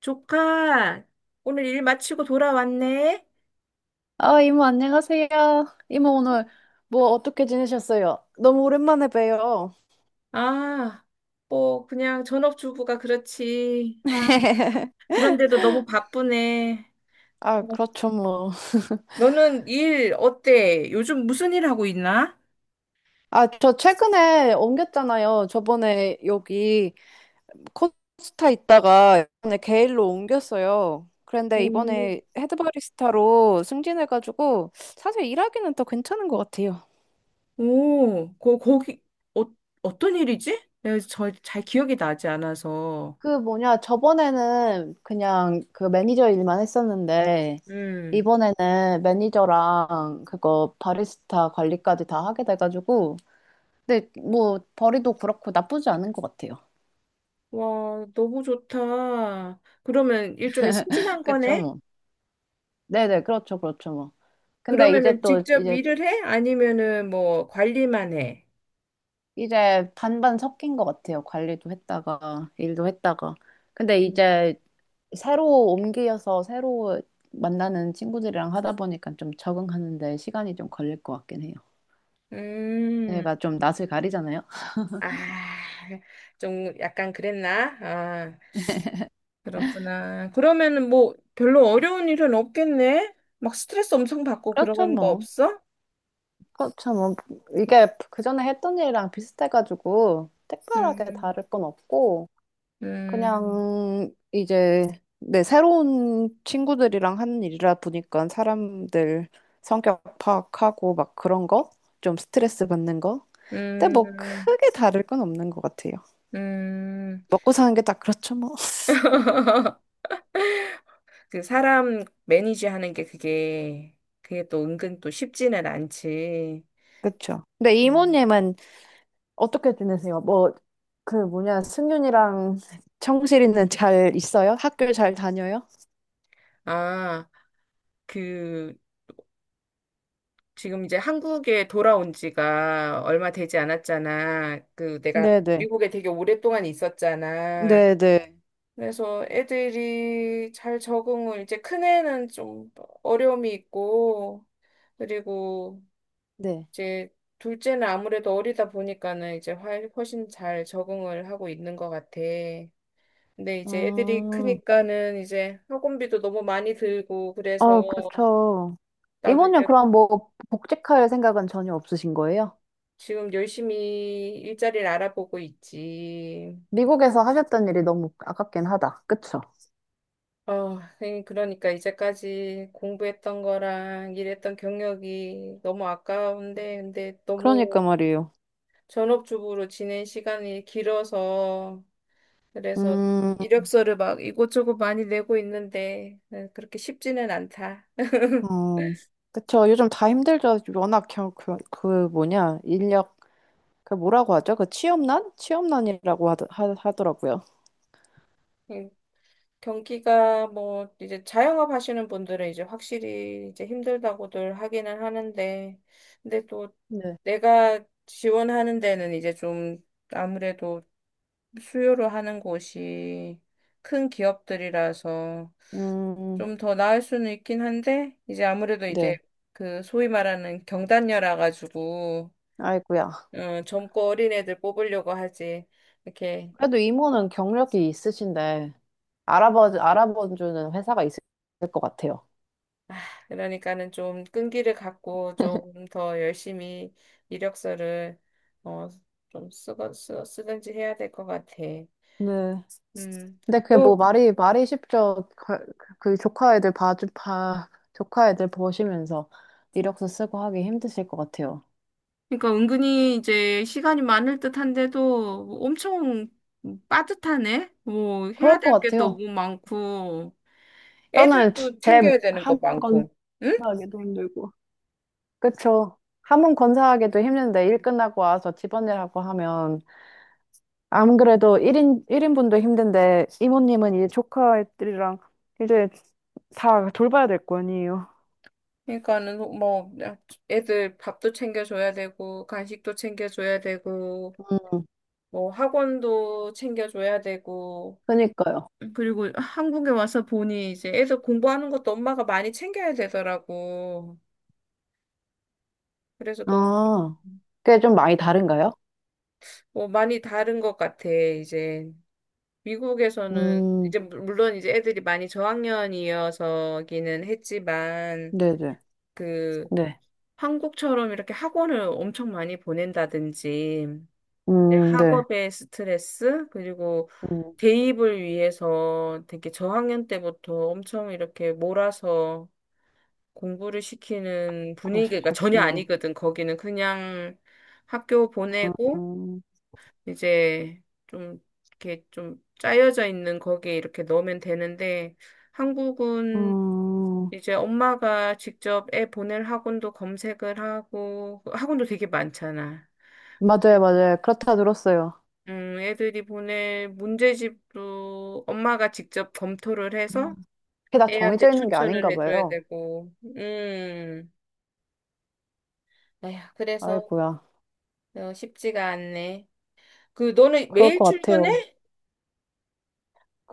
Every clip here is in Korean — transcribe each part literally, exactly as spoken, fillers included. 조카, 오늘 일 마치고 돌아왔네? 아, 이모, 안녕하세요. 이모, 오늘 뭐 어떻게 지내셨어요? 너무 오랜만에 봬요. 아, 뭐, 그냥 전업주부가 그렇지. 아, 그런데도 너무 바쁘네. 아, 어, 그렇죠, 뭐. 너는 일 어때? 요즘 무슨 일 하고 있나? 아, 저 최근에 옮겼잖아요. 저번에 여기 코스타 있다가 이번에 게일로 옮겼어요. 그런데 오, 이번에 헤드 바리스타로 승진해가지고 사실 일하기는 더 괜찮은 것 같아요. 오, 거, 거기, 어, 어떤 일이지? 내가 저, 잘 기억이 나지 않아서. 그 뭐냐, 저번에는 그냥 그 매니저 일만 했었는데, 음, 이번에는 매니저랑 그거 바리스타 관리까지 다 하게 돼가지고, 근데 뭐 벌이도 그렇고 나쁘지 않은 것 같아요. 와, 너무 좋다. 그러면 일종의 승진한 그쵸? 렇죠 거네? 뭐. 네네, 그렇죠, 그렇죠 뭐. 근데 이제 그러면은 또 직접 이제 일을 해? 아니면은 뭐 관리만 해? 이제 반반 섞인 것 같아요. 관리도 했다가 일도 했다가. 근데 일 년. 이제 새로 옮겨서 새로 만나는 친구들이랑 하다 보니까 좀 적응하는데 시간이 좀 걸릴 것 같긴 해요. 음, 제가 좀 낯을 가리잖아요. 아, 좀 약간 그랬나? 아, 그렇구나. 그러면은 뭐 별로 어려운 일은 없겠네? 막 스트레스 엄청 받고 그렇죠, 그런 거 뭐. 없어? 그렇죠, 뭐. 이게 그 전에 했던 일이랑 비슷해가지고, 특별하게 음, 다를 건 없고, 음, 그냥 이제 내 새로운 친구들이랑 하는 일이라 보니까 사람들 성격 파악하고 막 그런 거? 좀 스트레스 받는 거? 근데 뭐 음, 크게 다를 건 없는 것 같아요. 음. 먹고 사는 게 딱 그렇죠, 뭐. 그 사람 매니지 하는 게 그게, 그게 또 은근 또 쉽지는 않지. 그렇죠. 근데 음. 이모님은 어떻게 지내세요? 뭐, 그 뭐냐, 승윤이랑 청실이는 잘 있어요? 학교 잘 다녀요? 아, 그, 지금 이제 한국에 돌아온 지가 얼마 되지 않았잖아. 그 내가 네네. 미국에 되게 오랫동안 있었잖아. 네네. 그래서 애들이 잘 적응을 이제 큰애는 좀 어려움이 있고 그리고 네. 이제 둘째는 아무래도 어리다 보니까는 이제 훨- 훨씬 잘 적응을 하고 있는 것 같아. 근데 이제 애들이 아, 크니까는 이제 학원비도 너무 많이 들고 그래서 아, 그쵸. 나도 이모님 이제 그럼 뭐 복직할 생각은 전혀 없으신 거예요? 지금 열심히 일자리를 알아보고 있지. 미국에서 하셨던 일이 너무 아깝긴 하다. 그쵸? 어, 선생님, 그러니까 이제까지 공부했던 거랑 일했던 경력이 너무 아까운데, 근데 그러니까 너무 말이에요. 전업주부로 지낸 시간이 길어서, 그래서 음, 이력서를 막 이곳저곳 많이 내고 있는데, 네, 그렇게 쉽지는 않다. 음, 그쵸. 요즘 다 힘들죠. 워낙 겨- 그, 그 뭐냐, 인력, 그 뭐라고 하죠? 그 취업난? 취업난이라고 하, 하, 하더라고요. 음, 경기가 뭐, 이제 자영업 하시는 분들은 이제 확실히 이제 힘들다고들 하기는 하는데, 근데 또 네. 내가 지원하는 데는 이제 좀 아무래도 수요로 하는 곳이 큰 기업들이라서 음, 좀 더 나을 수는 있긴 한데 이제 아무래도 이제 네. 그 소위 말하는 경단녀라 가지고 아이고야. 어, 젊고 어린 애들 뽑으려고 하지 이렇게 그래도 이모는 경력이 있으신데, 알아봐, 알아봐주는 회사가 있을 것 같아요. 그러니까는 좀 끈기를 갖고 좀 더 열심히 이력서를 어, 좀 쓰고 쓰, 쓰든지 해야 될 것 같아. 네. 음. 근데 그게 뭐 말이, 말이 쉽죠. 그, 그 조카 애들 봐주, 봐, 조카 애들 보시면서 이력서 쓰고 하기 힘드실 것 같아요. 그러니까 은근히 이제 시간이 많을 듯한데도 뭐 엄청 빠듯하네. 뭐 그럴 해야 것 될 게 같아요. 너무 많고 저는 애들도 제 챙겨야 되는 거 한 건, 많고. 응? 하기도 힘들고. 그쵸. 한 번 건사하기도 힘든데 일 끝나고 와서 집안일하고 하면 안 그래도 1인, 일인분도 힘든데, 이모님은 이제 조카들이랑 이제 다 돌봐야 될 거 아니에요. 그러니까는 뭐 애들 밥도 챙겨줘야 되고 간식도 챙겨줘야 되고 음, 뭐 학원도 챙겨줘야 되고 그니까요. 그리고 한국에 와서 보니 이제 애들 공부하는 것도 엄마가 많이 챙겨야 되더라고. 그래서 너무 아, 그게 좀 많이 다른가요? 뭐 많이 다른 것 같아 이제. 미국에서는 음, 이제 물- 물론 이제 애들이 많이 저학년이어서기는 했지만 네네. 그 네. 한국처럼 이렇게 학원을 엄청 많이 보낸다든지 이제 음, 네. 학업의 스트레스 그리고 음, 대입을 위해서 되게 저학년 때부터 엄청 이렇게 몰아서 공부를 시키는 그러시, 분위기가 전혀 그렇구나. 아니거든. 거기는 그냥 학교 보내고 음, 이제 좀 이렇게 좀 짜여져 있는 거기에 이렇게 넣으면 되는데 한국은 음, 이제 엄마가 직접 애 보낼 학원도 검색을 하고 그 학원도 되게 많잖아. 맞아요, 맞아요. 그렇다 들었어요. 음, 애들이 보낼 문제집도 엄마가 직접 검토를 이 해서 게 다 정해져 애한테 있는 게 추천을 아닌가 해줘야 봐요. 되고, 음, 아휴, 그래서 아이고야. 어, 쉽지가 않네. 그, 너는 그럴 매일 것 같아요. 출근해?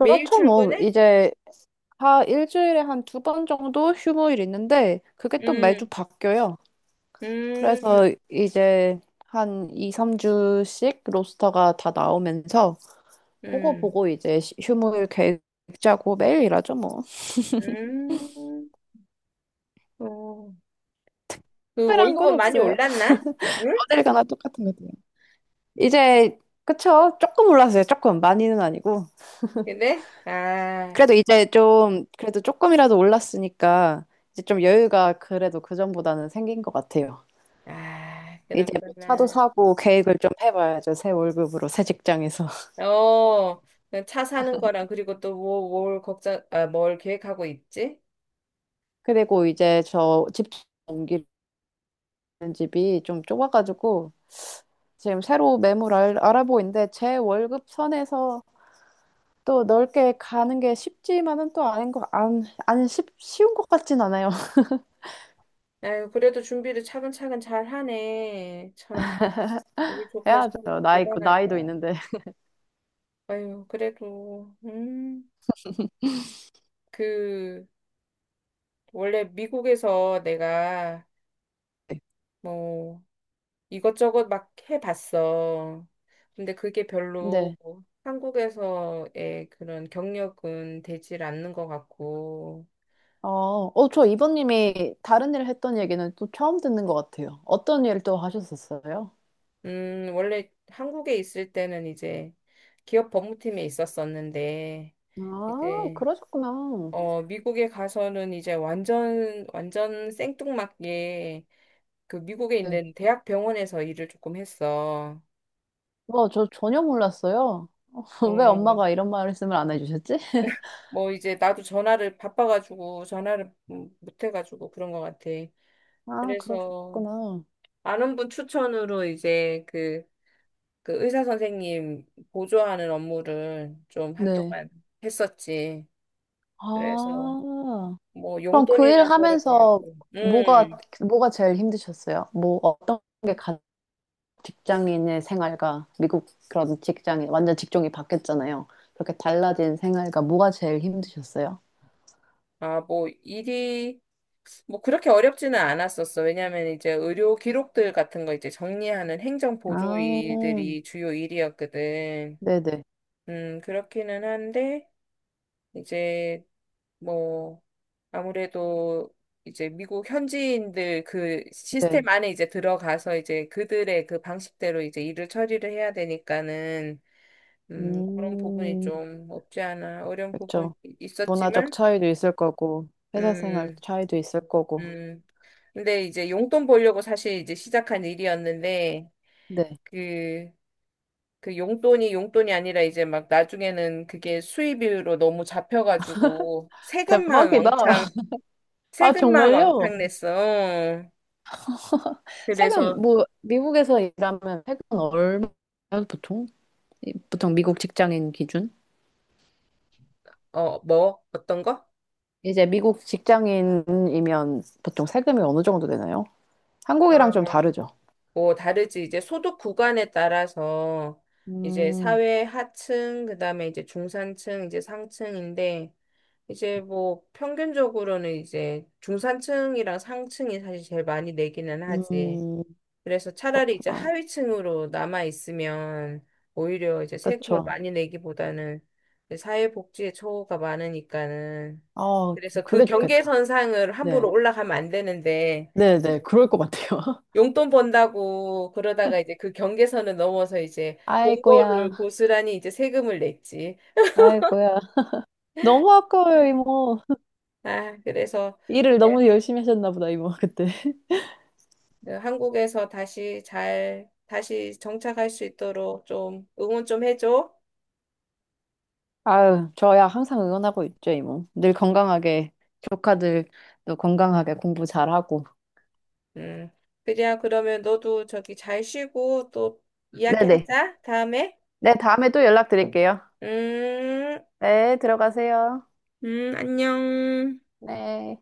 매일 뭐. 출근해? 이제 다 일주일에 한 두 번 정도 휴무일 있는데 그게 또 매주 음, 바뀌어요. 음. 그래서 이제 한 이, 삼 주씩 로스터가 다 나오면서 그거 음, 보고 이제 시- 휴무일 계획 짜고 매일 일하죠 뭐. 음, 어. 그 특별한 건 월급은 많이 없어요. 올랐나? 응? 어딜 가나 똑같은 것 같아요. 이제 그쵸? 조금 올랐어요. 조금 많이는 아니고. 근데? 아, 그래도 이제 좀 그래도 조금이라도 올랐으니까 이제 좀 여유가 그래도 그 전보다는 생긴 것 같아요. 아, 이제 뭐 차도 그렇구나. 사고 계획을 좀 해봐야죠. 새 월급으로 새 직장에서. 어, 그 차 사는 거랑 그리고 또 뭐, 뭘 걱정, 아, 뭘 계획하고 있지? 그리고 이제 저 집 옮기는 집이 좀 좁아가지고 지금 새로 매물 알, 아보고 있는데 제 월급 선에서 또 넓게 가는 게 쉽지만은 또 아닌 거, 안, 안 쉽, 쉬운 것 같진 않아요. 아유, 그래도 준비를 차근차근 잘 하네. 참, 우리 조카 참 해야죠. 나이, 그 대단하다. 나이도 있는데. 아유, 그래도, 음, 그, 원래 미국에서 내가, 뭐, 이것저것 막 해봤어. 근데 그게 별로 네. 한국에서의 그런 경력은 되질 않는 것 같고, 어, 어, 저 이번님이 다른 일 했던 얘기는 또 처음 듣는 것 같아요. 어떤 일 또 하셨었어요? 음, 원래 한국에 있을 때는 이제 기업 법무팀에 있었었는데, 아, 이제, 그러셨구나. 어, 미국에 가서는 이제 완전, 완전 생뚱맞게 그 미국에 네. 있는 대학 병원에서 일을 조금 했어. 와, 저 전혀 몰랐어요. 왜 어, 엄마가 이런 말씀을 안 해주셨지? 뭐 이제 나도 전화를 바빠가지고 전화를 못 해가지고 그런 것 같아. 아, 그래서 그러셨구나. 아는 분 추천으로 이제 그, 그 의사 선생님 보조하는 업무를 좀 네. 한동안 했었지. 그래서 아, 뭐 그럼 그 일 용돈이나 하면서 벌어보려고. 뭐가, 음, 뭐가 제일 힘드셨어요? 뭐, 어떤 게 가, 직장인의 생활과 미국 그런 직장인, 완전 직종이 바뀌었잖아요. 그렇게 달라진 생활과 뭐가 제일 힘드셨어요? 아, 뭐 일이 뭐 그렇게 어렵지는 않았었어. 왜냐하면 이제 의료 기록들 같은 거 이제 정리하는 행정 보조 아, 일들이 주요 일이었거든. 네네, 음, 그렇기는 한데 이제 뭐, 아무래도 이제 미국 현지인들 그 네. 시스템 안에 이제 들어가서 이제 그들의 그 방식대로 이제 일을 처리를 해야 되니까는, 음, 그런 부분이 음, 좀 없지 않아 어려운 부분이 그렇죠. 문화적 있었지만, 차이도 있을 거고, 회사 생활 음, 차이도 있을 거고. 음. 근데 이제 용돈 벌려고 사실 이제 시작한 일이었는데, 네. 그, 그 용돈이 용돈이 아니라 이제 막 나중에는 그게 수입으로 너무 잡혀가지고 세금만 대박이다. 왕창 아, 세금만 정말요? 왕창 냈어. 세금, 그래서, 뭐, 미국에서 일하면 세금 얼마예요, 보통? 이- 보통 미국 직장인 기준? 어, 뭐? 어떤 거? 이제 미국 직장인이면 보통 세금이 어느 정도 되나요? 한국이랑 아, 좀 다르죠? 뭐 다르지. 이제 소득 구간에 따라서 이제 음, 사회 하층, 그다음에 이제 중산층, 이제 상층인데 이제 뭐 평균적으로는 이제 중산층이랑 상층이 사실 제일 많이 내기는 하지. 음, 그래서 차라리 이제 그렇구나. 하위층으로 남아 있으면 오히려 이제 세금을 그쵸. 많이 내기보다는 이제 사회복지에 초가 많으니까는 아, 그래서 그 그게 좋겠다. 경계선상을 함부로 네. 올라가면 안 되는데 네네, 그럴 것 같아요. 용돈 번다고 그러다가 이제 그 경계선을 넘어서 이제 본 아이고야, 거를 고스란히 이제 세금을 냈지. 아이고야. 너무 아까워요, 이모. 아, 그래서 일을 네, 너무 열심히 하셨나 보다, 이모, 그때. 그 한국에서 다시 잘, 다시 정착할 수 있도록 좀 응원 좀 해줘. 아유, 저야 항상 응원하고 있죠, 이모. 늘 건강하게, 조카들도 건강하게 공부 잘하고. 음, 그래야 그러면 너도 저기 잘 쉬고 또 네네. 이야기하자, 다음에. 네, 다음에 또 연락드릴게요. 음, 네, 들어가세요. 음, 안녕. 네.